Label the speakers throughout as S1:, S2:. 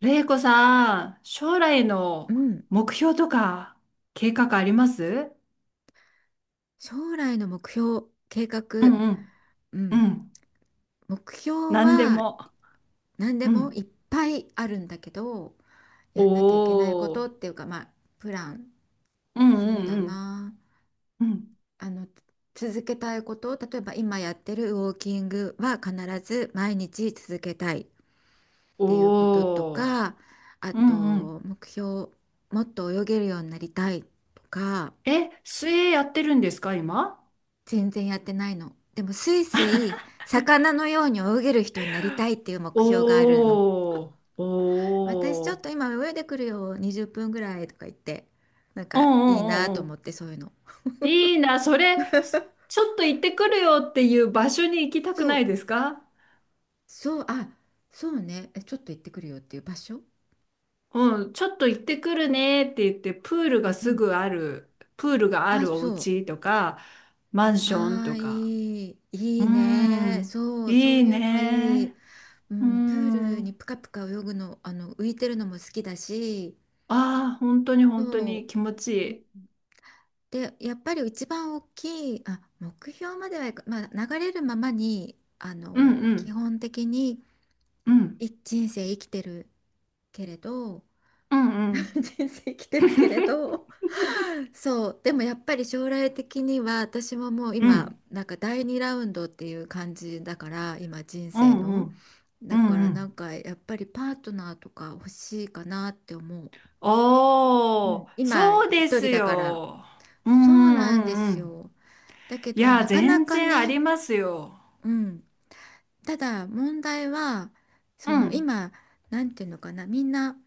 S1: れいこさん、将来
S2: う
S1: の
S2: ん、
S1: 目標とか計画あります？
S2: 将来の目標、計画、
S1: うんうん。
S2: う
S1: う
S2: ん、
S1: ん。
S2: 目標
S1: 何で
S2: は
S1: も。
S2: 何で
S1: う
S2: もい
S1: ん。
S2: っぱいあるんだけど、
S1: お
S2: やんなきゃいけないことって
S1: ー、
S2: いうか、まあ、プラン、
S1: うんう
S2: そう
S1: ん
S2: だ
S1: うん。
S2: な、
S1: うん。
S2: あの、続けたいこと、例えば今やってるウォーキングは必ず毎日続けたいっていうことと
S1: おー。
S2: か、あ
S1: うんうん。
S2: と、目標、もっと泳げるようになりたいとか、
S1: え、水泳やってるんですか、今？
S2: 全然やってないの。でもスイスイ魚のように泳げる人になりたいっていう目標があるの。
S1: おー、
S2: 私ち
S1: お
S2: ょっと
S1: ー。
S2: 今泳いでくるよ20分ぐらいとか言って、なん
S1: う
S2: か
S1: んう
S2: いいな
S1: んう
S2: と
S1: んう
S2: 思
S1: ん。
S2: って、そういうの。
S1: いいな、それ、ちょっと行ってくるよっていう場所に行きた
S2: そ
S1: くな
S2: う
S1: いですか？
S2: そう、あ、そうねえ、ちょっと行ってくるよっていう場所。
S1: うん、ちょっと行ってくるねって言って、プールが
S2: う
S1: す
S2: ん、
S1: ぐある、プールがあ
S2: あ、
S1: るお
S2: そう、
S1: 家とか、マンション
S2: ああ
S1: とか。
S2: いいい
S1: う
S2: いね、
S1: ん、
S2: そうそ
S1: い
S2: う
S1: い
S2: いうのいい、
S1: ね。
S2: う
S1: う
S2: ん、プールに
S1: ん。
S2: プカプカ泳ぐの、浮いてるのも好きだし、
S1: ああ、本当に本当に
S2: そ
S1: 気持ちい
S2: う。
S1: い。
S2: で、やっぱり一番大きい、あ、目標まではいか、まあ、流れるままに、あ
S1: うん
S2: の
S1: う
S2: 基
S1: ん、
S2: 本的に
S1: うん、
S2: い人生生きてるけれど、
S1: うんう ん。
S2: 人生生きてるけれ ど、そう、でもやっぱり将来的には私ももう
S1: う
S2: 今、
S1: ん、
S2: なんか第2ラウンドっていう感じだから、今人
S1: う
S2: 生
S1: ん、う
S2: の。
S1: ん、う
S2: だか
S1: ん、
S2: ら
S1: う
S2: なん
S1: ん。
S2: かやっぱりパートナーとか欲しいかなって思う。う
S1: おー、
S2: ん、今
S1: そう
S2: 一
S1: です
S2: 人だから。
S1: よ。う
S2: そう
S1: ん、う
S2: なん
S1: ん、
S2: で
S1: うん。う
S2: す
S1: ん、
S2: よ。だけ
S1: い
S2: ど
S1: や、
S2: なかな
S1: 全
S2: か
S1: 然あ
S2: ね。
S1: りますよ。
S2: うん、ただ問題はそ
S1: う
S2: の
S1: ん、
S2: 今、なんていうのかな、みんな、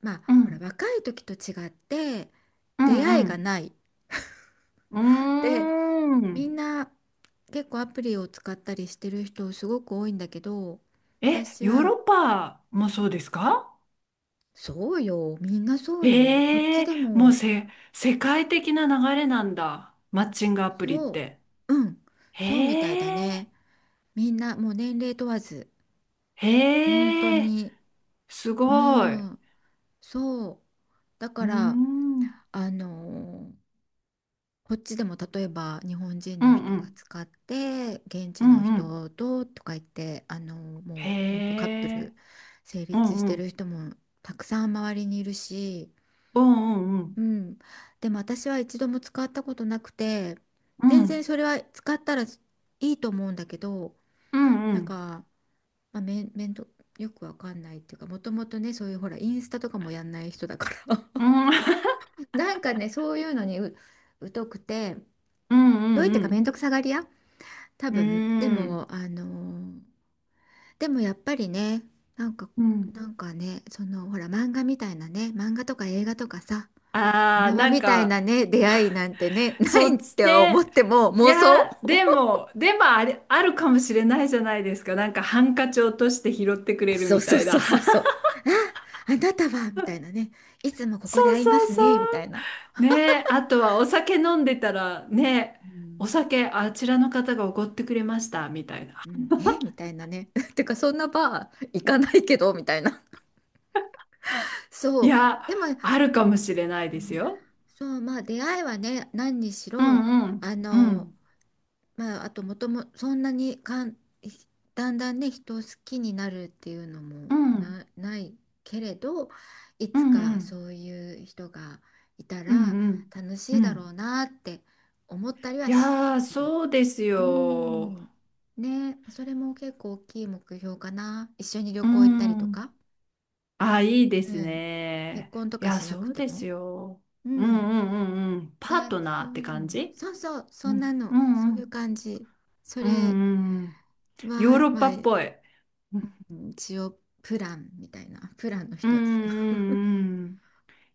S2: ま
S1: う
S2: あほら、
S1: ん、
S2: 若い時と違って
S1: う
S2: 出
S1: ん、
S2: 会
S1: う
S2: いが
S1: ん。
S2: ない
S1: うー
S2: で、
S1: ん。
S2: みんな結構アプリを使ったりしてる人すごく多いんだけど、
S1: え、
S2: 私
S1: ヨー
S2: は、
S1: ロッパもそうですか？
S2: そうよ、みんなそうよこっ
S1: え
S2: ち
S1: え
S2: で
S1: ー、もう
S2: も。
S1: 世界的な流れなんだ、マッチングアプリっ
S2: そ
S1: て。
S2: う、うん、そうみたいだ
S1: へ
S2: ね。
S1: え、
S2: みんなもう年齢問わず本当
S1: へえ、
S2: に。
S1: すごい。
S2: う
S1: う
S2: ん、そう、だ
S1: ー
S2: から
S1: ん、うん
S2: あのーこっちでも例えば日本人
S1: う
S2: の人が
S1: ん、
S2: 使って現
S1: う
S2: 地の
S1: んうん。
S2: 人ととか言って、も
S1: へ
S2: う本当カップ
S1: え、
S2: ル成
S1: う
S2: 立
S1: ん
S2: し
S1: う
S2: てる
S1: ん、
S2: 人もたくさん周りにいるし、
S1: うんうん
S2: うん、でも私は一度も使ったことなくて、
S1: う
S2: 全然
S1: ん、
S2: それは使ったらいいと思うんだけど、
S1: うん、うんう
S2: なん
S1: ん、
S2: か、まあ、めん、めんどよくわかんないっていうか、もともとね、そういう、ほら、インスタとかもやんない人だから、
S1: うん、
S2: なんかね、そういうのに、疎くて、
S1: うん
S2: どういっ
S1: う
S2: てか、めん
S1: ん
S2: どくさがり屋多
S1: うん、
S2: 分、で
S1: うーん、
S2: も、でもやっぱりね、なんか、
S1: うん。
S2: なんかね、その、ほら、漫画みたいなね、漫画とか映画とかさ、ド
S1: ああ、
S2: ラマ
S1: なん
S2: みたい
S1: か、
S2: なね、出会いなんてね、な
S1: そ
S2: い
S1: っ
S2: っ
S1: ち
S2: ては思
S1: で、
S2: っても
S1: い
S2: 妄想。
S1: や、でも、でもあれ、あるかもしれないじゃないですか。なんかハンカチ落として拾ってくれる
S2: そう
S1: み
S2: そう
S1: たい
S2: そ
S1: な。
S2: うそうそ う。あ、あなたは、みたいなね、いつもここ
S1: そ
S2: で
S1: う
S2: 会いま
S1: そう
S2: す
S1: そ
S2: ね、みたいな。
S1: う。ねえ、あとはお酒飲んでたら、ねえ、
S2: う
S1: お
S2: ん、
S1: 酒あちらの方がおごってくれました、みたいな。
S2: うん、え、みたいなね。てか、そんなバー行かないけど、みたいな。
S1: い
S2: そ
S1: や、
S2: う。でも、う
S1: あるかもしれないです
S2: ん、
S1: よ。
S2: そう、まあ、出会いはね、何にし
S1: う
S2: ろ、
S1: んうん、
S2: あ
S1: う
S2: の、
S1: ん、
S2: まあ、あともとも、そんなにかん、だんだんね、人を好きになるっていうの
S1: う
S2: も
S1: ん、
S2: な、ないけれど、い
S1: う
S2: つ
S1: ん、う
S2: か
S1: ん、
S2: そういう人がいた
S1: うん、
S2: ら
S1: うん。
S2: 楽
S1: う
S2: しいだろ
S1: ん、
S2: うなって思ったり
S1: い
S2: はし
S1: やー、
S2: する。
S1: そうです
S2: う
S1: よ。
S2: ん。ね、それも結構大きい目標かな。一緒に旅
S1: う
S2: 行行ったりと
S1: ん。
S2: か。
S1: あ、いいで
S2: う
S1: す
S2: ん。結
S1: ね。
S2: 婚と
S1: い
S2: か
S1: や、
S2: しな
S1: そ
S2: く
S1: う
S2: て
S1: で
S2: も。
S1: すよ。
S2: う
S1: うん
S2: ん。
S1: うんうんうん。パー
S2: ね、
S1: トナー
S2: そ
S1: っ
S2: う
S1: て
S2: いう
S1: 感
S2: の。
S1: じ。
S2: そうそう、
S1: う
S2: そんな
S1: ん。う
S2: の。
S1: ん
S2: そ
S1: う
S2: ういう
S1: ん。
S2: 感じ。そ
S1: うん
S2: れ
S1: うんうん。ヨー
S2: は、
S1: ロッ
S2: まあ、
S1: パっぽい。うん
S2: 一応プランみたいな、プランの
S1: うん
S2: 一つ。
S1: う んうん。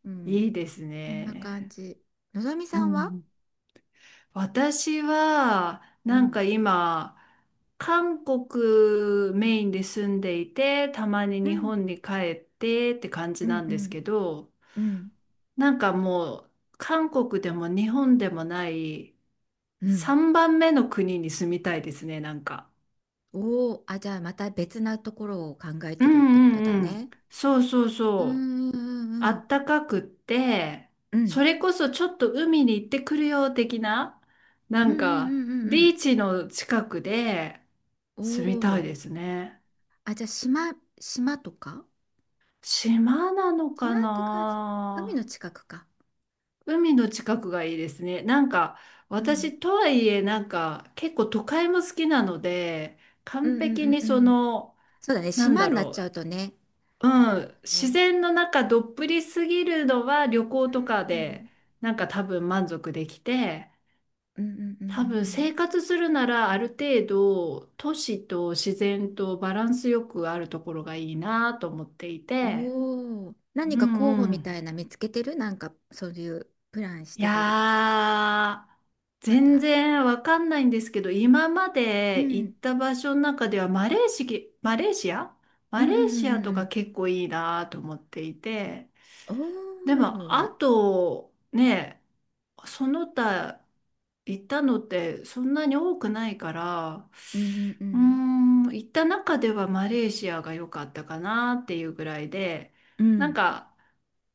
S2: うん。
S1: いいです
S2: こんな感
S1: ね。
S2: じ。のぞみ
S1: う
S2: さんは。
S1: ん。私は、
S2: う
S1: なん
S2: ん。
S1: か今、韓国メインで住んでいて、たまに
S2: う
S1: 日
S2: ん。
S1: 本に帰ってって感
S2: う
S1: じな
S2: ん
S1: ん
S2: う
S1: です
S2: ん
S1: けど、
S2: うん
S1: なんかもう、韓国でも日本でもない、
S2: うん。
S1: 3番目の国に住みたいですね、なんか。
S2: おおー、あ、じゃあまた別なところを考え
S1: う
S2: てるってこ
S1: ん
S2: とだ
S1: うんうん。
S2: ね。
S1: そうそう
S2: う
S1: そう。
S2: んう
S1: あ
S2: んうん
S1: ったかくって、
S2: う
S1: そ
S2: ん
S1: れこそちょっと海に行ってくるよ的な、な
S2: うんう
S1: んか、
S2: んうんうんう
S1: ビ
S2: ん。
S1: ーチの近くで
S2: お
S1: 住みた
S2: お
S1: い
S2: ー、
S1: ですね。
S2: あ、じゃあ島、島とか、
S1: 島なの
S2: 島
S1: か
S2: って感じ。海の
S1: な。
S2: 近くか。
S1: 海の近くがいいですね。なんか、
S2: うん
S1: 私とはいえ、なんか、結構都会も好きなので、
S2: うん
S1: 完
S2: う
S1: 璧
S2: んうん
S1: に
S2: う
S1: そ
S2: ん。
S1: の、
S2: そうだね、
S1: なん
S2: 島
S1: だ
S2: になっ
S1: ろ
S2: ちゃ
S1: う、
S2: うとね、
S1: う
S2: あれだも
S1: ん、
S2: ん
S1: 自
S2: ね。
S1: 然の中どっぷりすぎるのは旅
S2: う
S1: 行とかで
S2: ん
S1: なんか多分満足できて、
S2: うんうんうんうんうんう
S1: 多分生
S2: ん。
S1: 活するならある程度都市と自然とバランスよくあるところがいいなと思っていて。
S2: おお、何
S1: う
S2: か候補
S1: んう
S2: み
S1: ん、
S2: たいな見つけてる、なんかそういうプランし
S1: い
S2: てたりとか。
S1: やー、
S2: ま
S1: 全
S2: だ。
S1: 然わかんないんですけど、今ま
S2: う
S1: で行っ
S2: ん。
S1: た場所の中ではマレーシア、
S2: うん
S1: マ
S2: う
S1: レ
S2: んう
S1: ーシ
S2: ん
S1: ア
S2: う
S1: と
S2: んう
S1: か
S2: ん。
S1: 結構いいなと思っていて。で
S2: お
S1: も、あ
S2: お。
S1: と、ね、その他行ったのってそんなに多くないから、
S2: うんうんう
S1: うー
S2: ん。
S1: ん、行った中ではマレーシアが良かったかなっていうぐらいで、
S2: う
S1: なん
S2: ん
S1: か、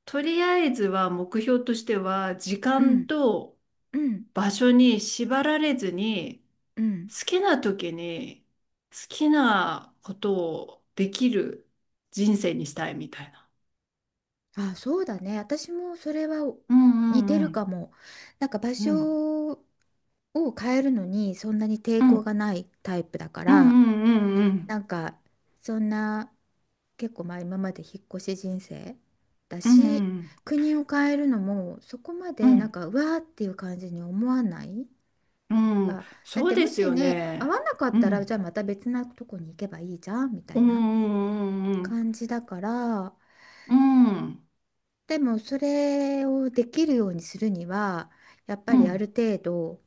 S1: とりあえずは目標としては、時
S2: う
S1: 間
S2: ん
S1: と
S2: うん
S1: 場所に縛られずに、
S2: うん。
S1: 好きな時に好きなことをできる人生にしたいみたいな。
S2: あ、そうだね。私もそれは
S1: うんう
S2: 似て
S1: んう
S2: るか
S1: ん。
S2: も。なんか場
S1: うん。
S2: 所を変えるのにそんなに抵
S1: う
S2: 抗
S1: ん
S2: がないタイプだか
S1: う
S2: ら。
S1: んうん
S2: なんか、そんな、結構、まあ、今まで引っ越し人生だ
S1: うんう
S2: し、
S1: ん
S2: 国を変えるのもそこま
S1: うんう
S2: でなん
S1: ん
S2: かうわーっていう感じに思わない。
S1: うん、
S2: あ、だっ
S1: そう
S2: て
S1: で
S2: も
S1: す
S2: し
S1: よ
S2: ね、合
S1: ね。
S2: わなかっ
S1: う
S2: たらじ
S1: ん
S2: ゃあまた別なとこに行けばいいじゃんみた
S1: う
S2: いな
S1: んう
S2: 感
S1: ん
S2: じだから、
S1: うんうん
S2: でもそれをできるようにするには、やっぱ
S1: う
S2: りある
S1: ん
S2: 程度、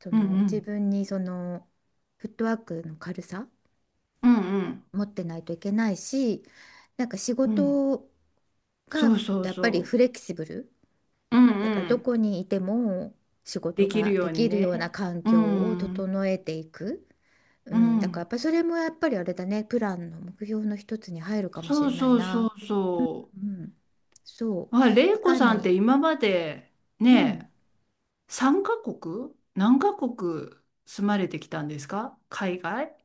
S2: そ
S1: うんう
S2: の、自
S1: ん
S2: 分にそのフットワークの軽さ
S1: うんうん
S2: 持ってないといけないし、なんか仕
S1: うん、
S2: 事が
S1: そうそう
S2: やっぱり
S1: そ
S2: フレキシブル
S1: う、うん
S2: だ
S1: う
S2: から、ど
S1: ん、
S2: こにいても仕事
S1: できる
S2: が
S1: よ
S2: で
S1: うに
S2: きる
S1: ね。
S2: ような環
S1: う
S2: 境を
S1: ん
S2: 整えていく、う
S1: う
S2: ん、だからやっ
S1: ん、
S2: ぱそれもやっぱりあれだね、プランの目標の一つに入るかもし
S1: そう
S2: れない
S1: そうそ
S2: な、
S1: うそ
S2: うん、そ
S1: う。
S2: う、
S1: あ、玲
S2: い
S1: 子
S2: か
S1: さんっ
S2: に、
S1: て今まで
S2: うん、
S1: ね、3カ国何カ国住まれてきたんですか、海外。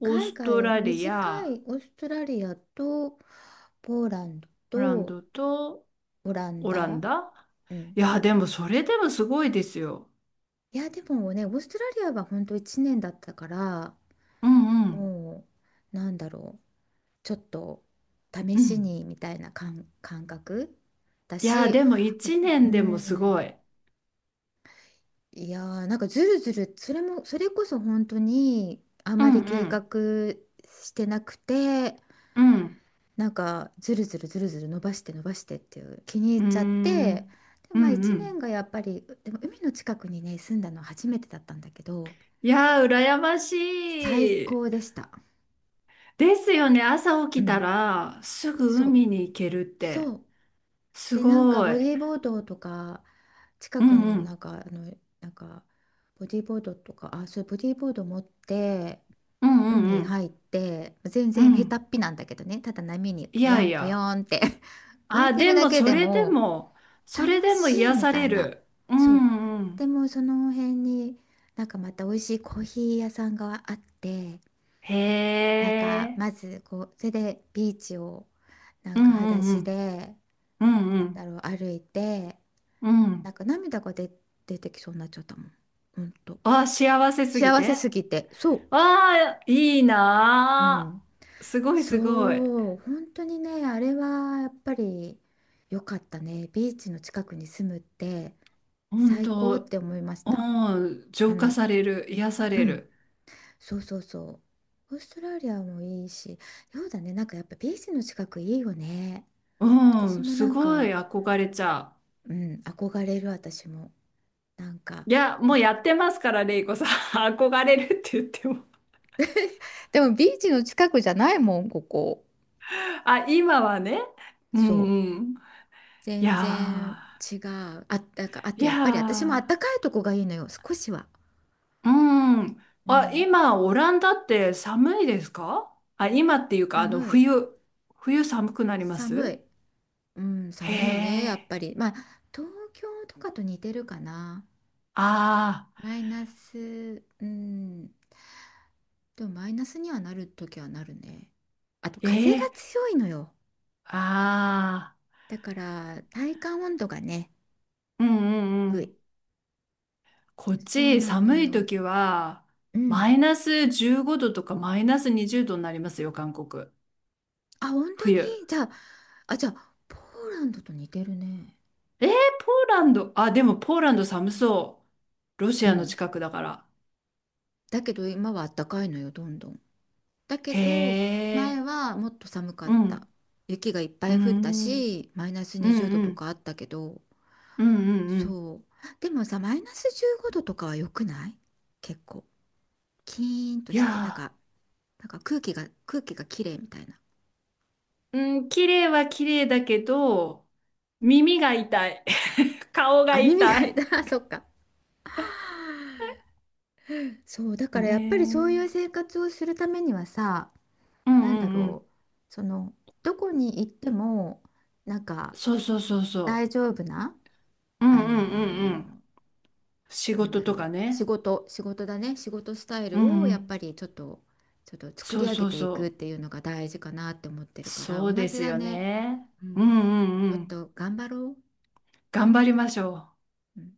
S1: オー
S2: 海
S1: スト
S2: 外
S1: ラリ
S2: 短
S1: ア、
S2: い、オーストラリアとポーランド
S1: ブラン
S2: と
S1: ドと、
S2: オラン
S1: オラン
S2: ダ、
S1: ダ。
S2: うん、
S1: いや、でもそれでもすごいですよ。
S2: いやでもね、オーストラリアは本当1年だったから、
S1: うんうん。
S2: もうなんだろう、ちょっと試
S1: う
S2: し
S1: ん。
S2: にみたいな、感覚だ
S1: いや、
S2: し、
S1: でも
S2: う
S1: 一
S2: う
S1: 年でもすご
S2: ん、
S1: い。
S2: いやー、なんかずるずる、それも、それこそ本当にあ
S1: う
S2: ま
S1: ん
S2: り
S1: う
S2: 計画
S1: ん
S2: してなくて、
S1: うん、
S2: なんかずるずるずるずる伸ばして伸ばしてっていう気に入
S1: うー
S2: っちゃって、
S1: ん、
S2: で、
S1: うん
S2: まあ1
S1: う
S2: 年
S1: ん、
S2: がやっぱり、でも海の近くにね、住んだの初めてだったんだけど、
S1: いやー、羨まし
S2: 最
S1: い。
S2: 高でした。
S1: ですよね。朝起
S2: う
S1: きた
S2: ん、
S1: らすぐ
S2: そう、
S1: 海に行けるっ
S2: そ
S1: て。
S2: う。
S1: す
S2: で、なんか
S1: ご
S2: ボ
S1: い。
S2: ディーボードとか、近
S1: う
S2: く
S1: んう
S2: の
S1: ん
S2: なんか、なんかボディーボードとか、あ、そう、ボディーボード持って
S1: うんうんう
S2: 海
S1: ん
S2: 入って、全
S1: う
S2: 然下
S1: ん。
S2: 手っぴなんだけどね、ただ波に
S1: い
S2: ポ
S1: や
S2: ヨ
S1: い
S2: ンポヨ
S1: や。
S2: ンって、 浮い
S1: あ、
S2: てる
S1: で
S2: だ
S1: も
S2: け
S1: そ
S2: で
S1: れで
S2: も
S1: も、それ
S2: 楽
S1: でも
S2: しい
S1: 癒
S2: み
S1: さ
S2: た
S1: れ
S2: いな。
S1: る。う
S2: そ
S1: んう
S2: う。で
S1: ん。
S2: もその辺になんかまた美味しいコーヒー屋さんがあって、
S1: へ
S2: なんか、
S1: え。
S2: まず、こう、それでビーチを、な
S1: う
S2: んか
S1: んう
S2: 裸
S1: んう
S2: 足
S1: ん。
S2: で、
S1: うん
S2: な
S1: うん。
S2: んだろう、歩いて。
S1: う
S2: なん
S1: ん。
S2: か涙が出てきそうになっちゃったもん。ほんと。
S1: わあ、幸せすぎ
S2: 幸せ
S1: て。
S2: すぎて。そ
S1: わあ、いい
S2: う。う
S1: な
S2: ん。
S1: あ。すごいすごい。
S2: そう。本当にね、あれはやっぱり良かったね。ビーチの近くに住むって
S1: 本
S2: 最高っ
S1: 当、
S2: て思いました。
S1: うん、
S2: う
S1: 浄化
S2: ん。
S1: される、癒さ
S2: う
S1: れ
S2: ん。
S1: る。
S2: そうそうそう。オーストラリアもいいし、そうだね。なんかやっぱビーチの近くいいよね。
S1: う
S2: 私
S1: ん、
S2: も
S1: す
S2: なん
S1: ごい
S2: か、
S1: 憧れちゃ
S2: うん、憧れる私も。なんか。
S1: う。いや、もうやってますから、レイコさん。憧れるって言っても。
S2: でもビーチの近くじゃないもん、ここ。
S1: あ、今はね。う
S2: そ
S1: ん
S2: う。
S1: うん。い
S2: 全然
S1: や
S2: 違う。あ、だから、あ
S1: ー、
S2: と
S1: い
S2: や
S1: や
S2: っぱり私もあっ
S1: ー。
S2: たかいとこがいいのよ、少しは。
S1: うん。
S2: う
S1: あ、
S2: ん。
S1: 今、オランダって寒いですか？あ、今っていうか、あの、
S2: 寒い。
S1: 冬、冬寒くなりま
S2: 寒
S1: す？
S2: い。うん、
S1: へ
S2: 寒いね、やっ
S1: え。
S2: ぱり。まあ、東京とかと似てるかな。
S1: ああ、
S2: マイナス、うん。でもマイナスにはなるときはなるね。あと
S1: え
S2: 風が
S1: え、
S2: 強いのよ。
S1: あ
S2: だから体感温度がね、
S1: あ、うんうんう
S2: 低い。
S1: ん。こっ
S2: そう
S1: ち、
S2: なの
S1: 寒い
S2: よ。
S1: 時は、
S2: う
S1: マ
S2: ん。
S1: イナス15度とかマイナス20度になりますよ、韓国。
S2: あ、本当に。
S1: 冬。
S2: じゃあ、あ、じゃあ、ポーランドと似てるね。
S1: えー、ポーランド。あ、でもポーランド寒そう。ロシ
S2: う
S1: アの
S2: ん。
S1: 近くだから。
S2: だけど今は暖かいのよ、どんどん。だけ
S1: へ
S2: ど前
S1: え。
S2: はもっと寒かっ
S1: う
S2: た。
S1: ん。
S2: 雪がいっぱ
S1: う
S2: い降った
S1: ん。
S2: し、マイナス
S1: うん
S2: 20度
S1: う
S2: と
S1: ん。
S2: かあったけど、
S1: うんうんうん。
S2: そう。でもさ、マイナス15度とかは良くない、結構。キーンと
S1: い
S2: して、なん
S1: や
S2: か、空気が綺麗みたいな。
S1: ー、うん、綺麗は綺麗だけど、耳が痛い。顔が
S2: あ、耳
S1: 痛
S2: が痛い
S1: い。
S2: た。そっか。そう、だから
S1: ね
S2: やっぱりそうい
S1: え。
S2: う生活をするためにはさ、
S1: うん
S2: なん
S1: う
S2: だ
S1: んうん。
S2: ろう、その、どこに行っても、なんか
S1: そうそうそうそ
S2: 大丈夫な、
S1: う。うん
S2: あ
S1: うんうんうん。
S2: のー
S1: 仕
S2: なんだ
S1: 事
S2: ろ
S1: とか
S2: う、仕
S1: ね。
S2: 事、仕事だね、仕事スタイ
S1: う
S2: ル
S1: ん
S2: を
S1: う
S2: やっ
S1: ん。
S2: ぱりちょっと作
S1: そ
S2: り
S1: う
S2: 上げ
S1: そう
S2: ていくっ
S1: そ
S2: ていうのが大事かなって思って
S1: う。
S2: るから、
S1: そ
S2: 同
S1: うで
S2: じ
S1: す
S2: だ
S1: よ
S2: ね。
S1: ね。
S2: う
S1: う
S2: ん、
S1: んうん
S2: ちょ
S1: う
S2: っ
S1: ん。
S2: と頑張ろ
S1: 頑張りましょう。
S2: う。うん